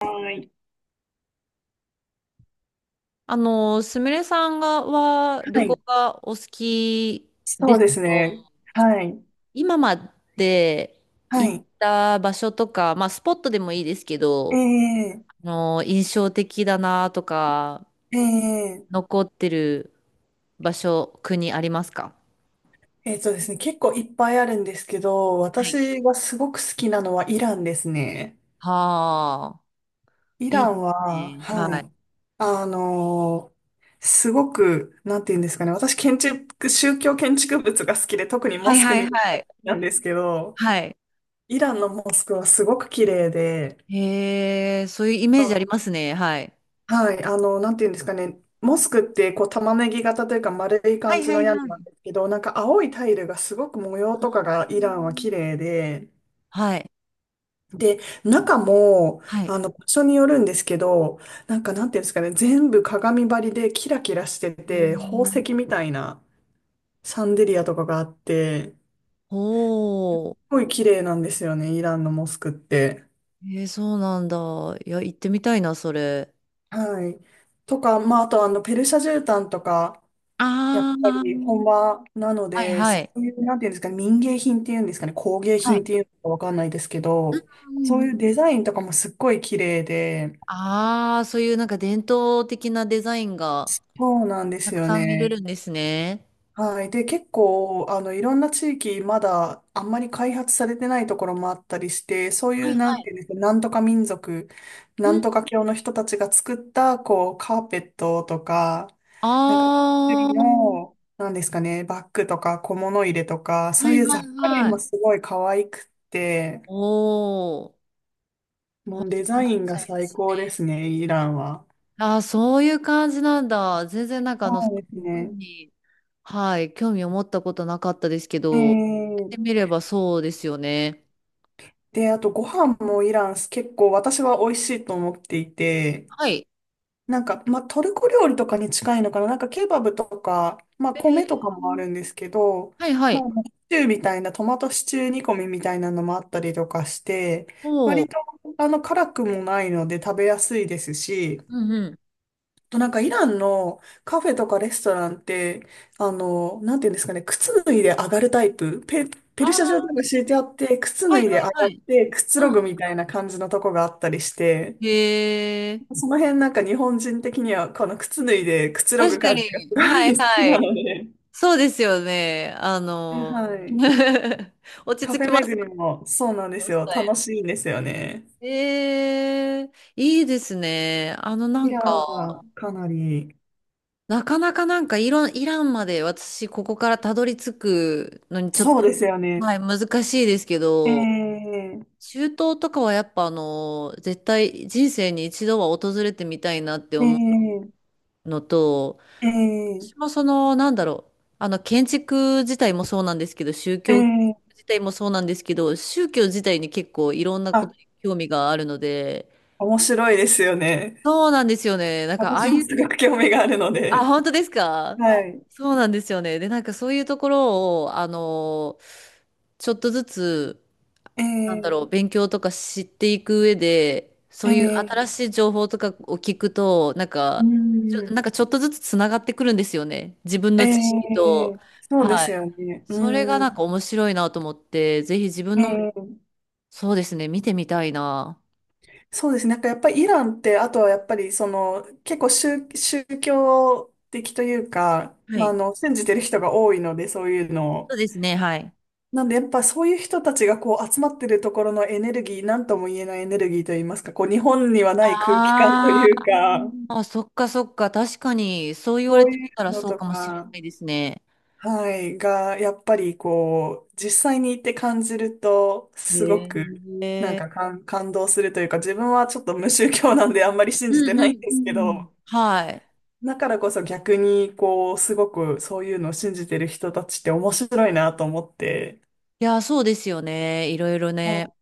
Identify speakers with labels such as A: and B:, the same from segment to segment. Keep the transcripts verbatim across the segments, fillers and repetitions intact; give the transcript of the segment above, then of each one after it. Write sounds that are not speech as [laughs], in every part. A: はい。
B: あの、すみれさんがは旅
A: は
B: 行
A: い。
B: がお好き
A: そ
B: で
A: う
B: すけ
A: です
B: ど、
A: ね。はい。
B: 今まで
A: は
B: 行っ
A: い。
B: た場所とか、まあスポットでもいいですけど、
A: ええ
B: あの、印象的だなとか、
A: ええ
B: 残ってる場所、国ありますか？
A: えっとですね、結構いっぱいあるんですけど、
B: はい。
A: 私がすごく好きなのはイランですね。
B: はあ、
A: イ
B: い
A: ラ
B: いで
A: ンは、
B: すね。
A: は
B: はい。
A: い。あのーすごく、なんて言うんですかね。私、建築、宗教建築物が好きで、特にモ
B: はい
A: スク
B: はい
A: 見る
B: は
A: のが
B: い。
A: 好きなんですけど、
B: はい。
A: イランのモスクはすごく綺麗で、
B: へえ、そういうイメージありますね。はい。
A: はい、あの、なんていうんですかね、モスクってこう玉ねぎ型というか丸い
B: は
A: 感
B: い
A: じ
B: は
A: の
B: い
A: 屋根
B: はい。
A: なんですけど、なんか青いタイルがすごく模様とかが
B: う
A: イランは
B: ん。
A: 綺麗で、
B: はい。
A: で、中も、
B: はい。
A: あの、場所によるんですけど、なんかなんていうんですかね、全部鏡張りでキラキラして
B: へ
A: て、宝石
B: え。
A: みたいなシャンデリアとかがあって、す
B: おう。
A: ごい綺麗なんですよね、イランのモスクって。
B: えー、そうなんだ。いや、行ってみたいな、それ。
A: はい。とか、まあ、あとあの、ペルシャ絨毯とか、やっ
B: あ
A: ぱり本
B: ー、
A: 場なの
B: はい
A: で、
B: は
A: そ
B: い。
A: ういう、なんていうんですかね、民芸品っていうんですかね、工芸
B: は
A: 品っ
B: い。
A: ていうのかわかんないですけど、
B: う
A: そ
B: んう
A: ういう
B: ん。
A: デザインとかもすっごい綺麗で、
B: ああ、そういうなんか伝統的なデザインが
A: そうなんで
B: た
A: す
B: く
A: よ
B: さん見れ
A: ね。
B: るんですね。
A: はい。で、結構、あの、いろんな地域、まだ、あんまり開発されてないところもあったりして、そうい
B: はい
A: う、な
B: は
A: ん
B: い。
A: ていうんですか、なんとか民族、
B: う
A: なん
B: ん。
A: とか教の人たちが作った、こう、カーペットとか、
B: あ
A: なんか、手作り
B: あ、
A: の、
B: は
A: なんですかね、バッグとか小物入れとか、そうい
B: い
A: う雑
B: はい
A: 貨類
B: はい。
A: もすごい可愛くって、
B: おお、
A: もう
B: 欲
A: デ
B: しく
A: ザ
B: な
A: イ
B: っ
A: ン
B: ち
A: が
B: ゃいま
A: 最
B: す
A: 高で
B: ね。
A: すね、イランは。
B: ああ、そういう感じなんだ。全然なんかあ
A: そ
B: の、そ
A: う
B: う
A: です
B: いう
A: ね。
B: のに、はい、興味を持ったことなかったですけ
A: え
B: ど、やって
A: ー
B: みればそうですよね。
A: で、あとご飯もイラン結構私は美味しいと思っていて、
B: はい。
A: なんか、まあ、トルコ料理とかに近いのかな。なんか、ケバブとか、まあ、
B: え
A: 米
B: ー、
A: とかもあるんですけど、
B: はいは
A: ま
B: い。
A: あ、シチューみたいな、トマトシチュー煮込みみたいなのもあったりとかして、
B: お
A: 割
B: ー。
A: と、あの、辛くもないので食べやすいですし、
B: うんうん。
A: あとなんか、イランのカフェとかレストランって、あの、なんていうんですかね、靴脱いで上がるタイプ、ペ、
B: あ
A: ペルシャ状と
B: あ、
A: か敷いてあって、靴
B: は
A: 脱
B: い
A: いで上が
B: はいは
A: っ
B: い。
A: て、くつろ
B: うん。
A: ぐみたいな感じのとこがあったりして、
B: へえ。
A: その辺なんか日本人的にはこの靴脱いでくつろぐ
B: 確か
A: 感じがす
B: に。
A: ご
B: はい
A: い好き
B: は
A: な
B: い。
A: ので、
B: そうですよね。あの、
A: はい。
B: [laughs] 落ち
A: カ
B: 着
A: フェ
B: きま
A: 巡
B: す。
A: りもそうなん
B: こ
A: で
B: の
A: す
B: ス
A: よ。
B: タイ
A: 楽しいんですよね。
B: ル。ええ、いいですね。あの、な
A: イ
B: ん
A: ランは
B: か、
A: かなり、
B: なかなかなんかイラン、イランまで私、ここからたどり着くのにちょっ
A: そうで
B: と、
A: すよね。
B: はい、難しいですけど、
A: ええ
B: 中東とかはやっぱあの、絶対人生に一度は訪れてみたいなって
A: え
B: 思
A: え
B: うのと、
A: え
B: 私も
A: え
B: その、なんだろう、あの、建築自体もそうなんですけど、宗
A: え
B: 教
A: え
B: 自体もそうなんですけど、宗教自体に結構いろんなこ
A: あ、
B: とに興味があるので、
A: 面白いですよね。
B: そうなんですよね。なんかああ
A: 私
B: い
A: も
B: う、
A: すごく興味があるの
B: あ、
A: で。
B: 本当ですか？
A: はい。
B: そうなんですよね。で、なんかそういうところを、あの、ちょっとずつ、なんだ
A: え
B: ろう、
A: え
B: 勉強とか知っていく上で、そういう
A: え
B: 新
A: え
B: しい情報とかを聞くと、なん
A: う
B: か、ちょ、
A: ん、
B: なんかちょっとずつつながってくるんですよね。自分の
A: え
B: 知識
A: え
B: と。
A: そうで
B: は
A: す
B: い。
A: よね。
B: それが
A: う
B: なん
A: ん、
B: か面白いなと思って、ぜひ自分の、
A: ええ
B: そうですね、見てみたいな。
A: そうですね。なんかやっぱりイランって、あとはやっぱりその結構宗、宗教的というか、
B: は
A: まあ、
B: い。
A: あの信じてる人が多いので、そういうの
B: そう
A: を。
B: ですね、はい。
A: なんでやっぱそういう人たちがこう集まってるところのエネルギー、なんとも言えないエネルギーといいますか、こう日本にはない空気感と
B: あ
A: いうか、
B: ーあ、そっかそっか、確かに、そう言わ
A: そ
B: れ
A: う
B: て
A: い
B: み
A: う
B: たら
A: の
B: そう
A: と
B: かもしれ
A: か、
B: ないですね。
A: はい、がやっぱりこう実際に行って感じると、すご
B: へ
A: くなん
B: え。
A: か感、感動するというか、自分はちょっと無宗教なんであんまり信
B: う
A: じて
B: ん
A: な
B: う
A: いん
B: ん
A: で
B: う
A: すけ
B: ん。
A: ど、
B: はい。
A: だからこそ逆に、こう、すごくそういうのを信じてる人たちって面白いなと思って、
B: いや、そうですよね。いろいろね、
A: は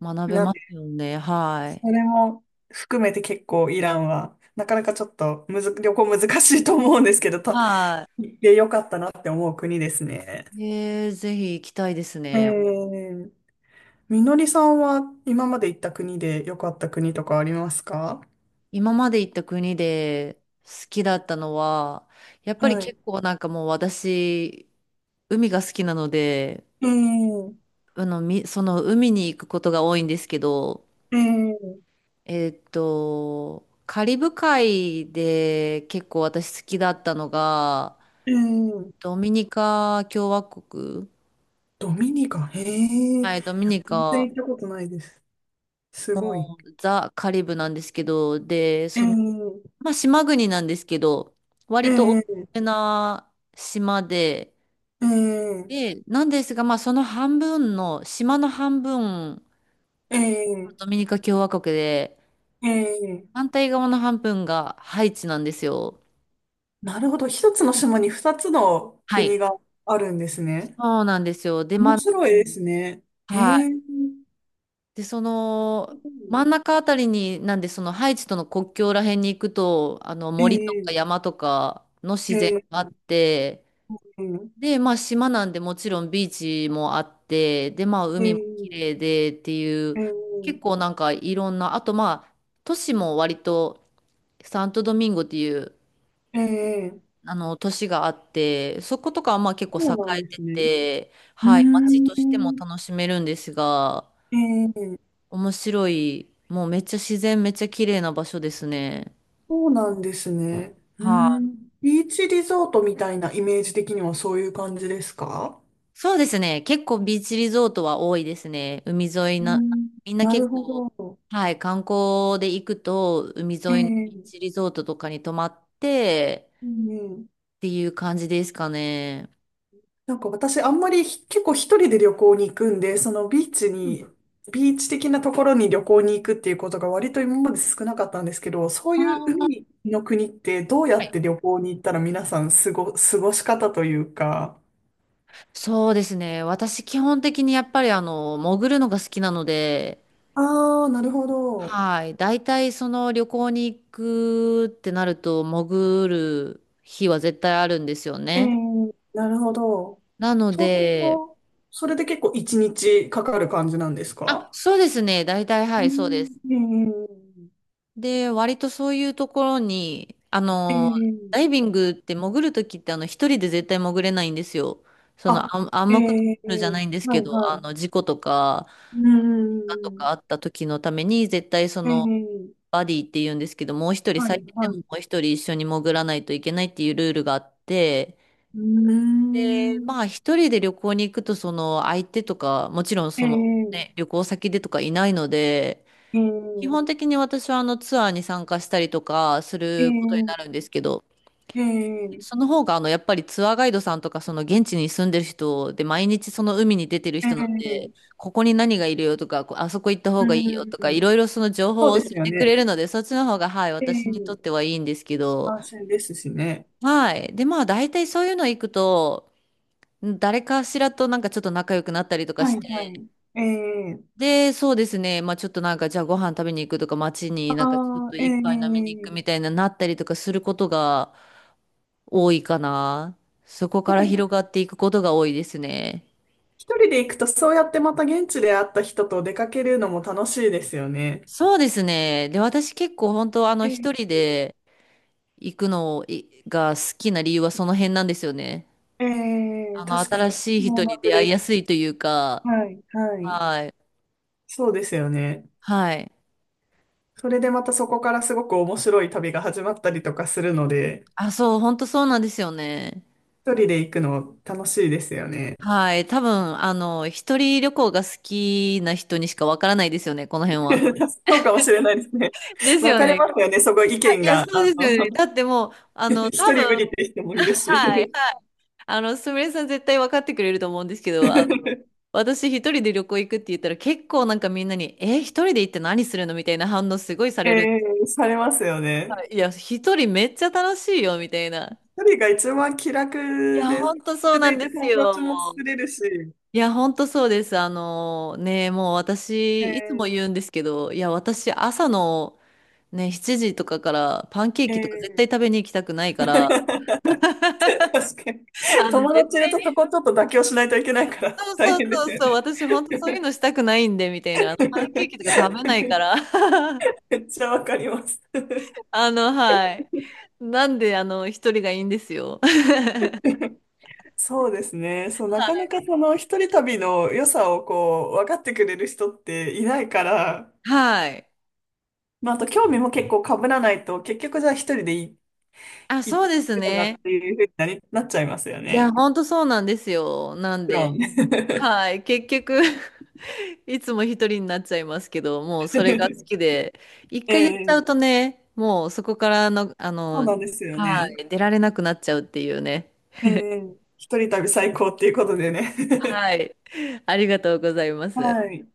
B: 学
A: い
B: べ
A: なん
B: ま
A: で、
B: すよね。は
A: そ
B: い。
A: れも含めて結構イランは、なかなかちょっとむず、旅行難しいと思うんですけど、と
B: は
A: 行ってよかったなって思う国ですね。
B: い。えー、ぜひ行きたいです
A: え
B: ね。
A: ー、みのりさんは今まで行った国で良かった国とかありますか？
B: 今まで行った国で好きだったのは、やっぱり
A: はい。
B: 結構なんかもう私、海が好きなので、
A: えー、
B: あの、み、その海に行くことが多いんですけど、
A: えー、
B: えーっと、カリブ海で結構私好きだったのが、
A: えー、
B: ドミニカ共和国。
A: ドミニカ、へえ、
B: はい、ドミニ
A: 全然
B: カ、
A: 行ったことないです。すごい。
B: ザ・カリブなんですけど、で、
A: え
B: その、
A: ー
B: まあ、島国なんですけど、
A: え
B: 割と大
A: え、
B: きな島で、
A: ええ、
B: で、なんですが、まあ、その半分の、島の半分、
A: ええ、
B: ドミニカ共和国で、
A: ええ。
B: 反対側の半分がハイチなんですよ。
A: なるほど。一つの島にふたつの
B: はい。
A: 国があるんですね。
B: そうなんですよ。で、
A: 面
B: ま
A: 白いですね。
B: あ、
A: へ
B: はい。
A: え。
B: で、その、真ん中あたりに、なんで、そのハイチとの国境ら辺に行くと、あの、
A: え
B: 森と
A: え、
B: か山とかの自然
A: え
B: があ
A: え、
B: って、
A: え
B: で、まあ島なんでもちろんビーチもあって、で、まあ海
A: え、
B: も綺麗でっていう、
A: ええ、
B: 結構なんかいろんな、あとまあ都市も割と、サントドミンゴっていう
A: ええ。
B: あの都市があって、そことかはまあ結構
A: そ
B: 栄
A: うなん
B: え
A: で
B: て
A: すね。
B: て、
A: うー
B: はい、街としても
A: ん。
B: 楽しめるんですが、
A: ええ、
B: 面白い、もうめっちゃ自然めっちゃ綺麗な場所ですね。
A: そうなんですね。う
B: は
A: ー
B: い。
A: ん。ビーチリゾートみたいなイメージ的にはそういう感じですか？
B: そうですね。結構ビーチリゾートは多いですね。海沿い
A: う
B: な、
A: ん。
B: みんな
A: な
B: 結
A: るほ
B: 構、
A: ど。
B: はい、観光で行くと、海沿
A: え
B: いの
A: え、
B: ビーチリゾートとかに泊まって、
A: うん。
B: っていう感じですかね。
A: なんか私あんまりひ結構一人で旅行に行くんで、そのビーチ
B: うん。
A: に、ビーチ的なところに旅行に行くっていうことが割と今まで少なかったんですけど、そう
B: あ
A: いう
B: ー、
A: 海の国ってどうや
B: は
A: っ
B: い。
A: て旅行に行ったら皆さん過ご、過ごし方というか。
B: そうですね。私、基本的にやっぱりあの、潜るのが好きなので、
A: ああ、なるほど。
B: はい。大体その旅行に行くってなると、潜る日は絶対あるんですよ
A: え
B: ね。
A: ー、なるほど。
B: なの
A: そうする
B: で、
A: と、それで結構いちにちかかる感じなんです
B: あ、
A: か？
B: そうですね。大体、は
A: う
B: い、そうです。
A: ん、
B: で、割とそういうところに、あ
A: えー、え
B: の、ダ
A: ー、
B: イビングって潜るときってあの一人で絶対潜れないんですよ。その
A: あ、
B: 暗暗
A: え
B: 黙のルールじゃない
A: ー、
B: んです
A: は
B: け
A: い
B: ど、
A: は
B: あ
A: い。
B: の事故とか、
A: う
B: 怪我と
A: ん。
B: かあった時のために絶対その
A: ええ
B: バディって言うんですけど、もう一人、
A: は
B: 最
A: い、
B: 低で
A: は
B: も
A: い。
B: も
A: う
B: う一人一緒に潜らないといけないっていうルールがあって、
A: ー
B: で、ま
A: ん。
B: あ一人で旅行に行くとその相手とか、もちろん
A: え
B: そのね、
A: え
B: 旅行先でとかいないので、
A: え
B: 基
A: え
B: 本的に私はあのツアーに参加したりとかす
A: え
B: ることになるん
A: え
B: ですけど、その方があのやっぱりツアーガイドさんとかその現地に住んでる人で毎日その海に出てる
A: ええ
B: 人なんで、
A: ええ
B: ここに何がいるよとか、こあそこ行った方
A: う
B: がいいよ
A: ん。
B: とか、いろいろその情
A: そ
B: 報
A: う
B: を
A: で
B: 教
A: す
B: え
A: よ
B: てく
A: ね。
B: れるので、そっちの方がはい、
A: え
B: 私にとって
A: え
B: はいいんですけど、
A: 安心ですしね。
B: はい。で、まあ大体そういうの行くと、誰かしらとなんかちょっと仲良くなったりとか
A: は
B: し
A: い、はい。ええ
B: で、そうですね。まあちょっとなんか、じゃあご飯食べに行くとか、街になんかちょっ
A: あ
B: と
A: あ、え
B: 一杯飲みに
A: え
B: 行くみたいななったりとかすることが多いかな。そこ
A: や
B: か
A: っ
B: ら
A: ぱり
B: 広がっていくことが多いですね。
A: 一人で行くと、そうやってまた現地で会った人と出かけるのも楽しいですよね。
B: そうですね。で、私結構本当あの一
A: え
B: 人で行くのいが好きな理由はその辺なんですよね。
A: ええ
B: あ
A: え
B: の、
A: 確かに、
B: 新し
A: 私
B: い人
A: も
B: に
A: 同じ
B: 出会
A: で
B: いや
A: す。
B: すいというか、
A: はい、はい。
B: はい。
A: そうですよね。
B: はい。
A: それでまたそこからすごく面白い旅が始まったりとかするので、
B: あ、そう、本当そうなんですよね。
A: 一人で行くの楽しいですよね。
B: はい。多分、あの、一人旅行が好きな人にしかわからないですよね、この辺は。
A: [laughs] そうかもしれないですね。
B: [laughs] です
A: 分
B: よ
A: かれ
B: ね。
A: ますよね、そこ意
B: あい
A: 見
B: や、
A: が。あ
B: そうですよね。
A: の、
B: だってもう、
A: [laughs]
B: あの、
A: 一
B: 多
A: 人無
B: 分、
A: 理って人もいる
B: はい。
A: し。
B: あの、すみれさん絶対分かってくれると思うんですけど、あ
A: [laughs]
B: 私一人で旅行行くって言ったら結構なんかみんなに、え、一人で行って何するのみたいな反応すごいさ
A: え
B: れるんです。
A: ー、されますよ
B: は
A: ね。
B: いいや、一人めっちゃ楽しいよ、みたいな。
A: 一人が一番気楽
B: いや、
A: で、
B: ほんと
A: 気
B: そう
A: 楽
B: な
A: で
B: ん
A: い
B: で
A: て
B: す
A: 友
B: よ。
A: 達も作れるし。
B: いや、ほんとそうです。あのね、もう私、いつも
A: え
B: 言うんですけど、いや、私、朝の、ね、しちじとかからパンケー
A: ー、
B: キとか絶
A: えー
B: 対食べに行きたくないか
A: [laughs]
B: ら、
A: 確かに。
B: あの、
A: 友
B: 絶
A: 達いる
B: 対
A: とそ
B: に、
A: こちょっと妥協しないといけないから
B: そう
A: 大
B: そう
A: 変です
B: そう
A: よ
B: そう、
A: ね。
B: 私本当そういうのしたくないんで、みたいな、あの、パンケーキ
A: [laughs]
B: とか食べないから、[laughs]
A: [laughs] めっちゃわかります。[laughs]
B: あの、はい。なんで、あの、一人がいいんですよ。
A: そうですね。そう、なかなか
B: [laughs]
A: その一人旅の良さをこう、分かってくれる人っていないから、
B: はい。
A: まあ、あと興味も結構被らないと、結局じゃあ一人でい
B: あ、
A: 行
B: そうです
A: くのがっ
B: ね。
A: ていうふうになり、なっちゃいますよ
B: いや、
A: ね。も
B: 本当そうなんですよ。なん
A: ちろ
B: で、
A: ん。
B: は
A: [laughs]
B: い。結局いつも一人になっちゃいますけど、もうそれが好きで、一回やっちゃう
A: え
B: と
A: え
B: ね、もうそこからの、あ
A: そう
B: の、
A: なんですよ
B: は
A: ね。
B: い、出られなくなっちゃうっていうね。
A: ええ一人旅最高っていうことでね。[laughs]
B: はい。ありがとうございます。
A: はい。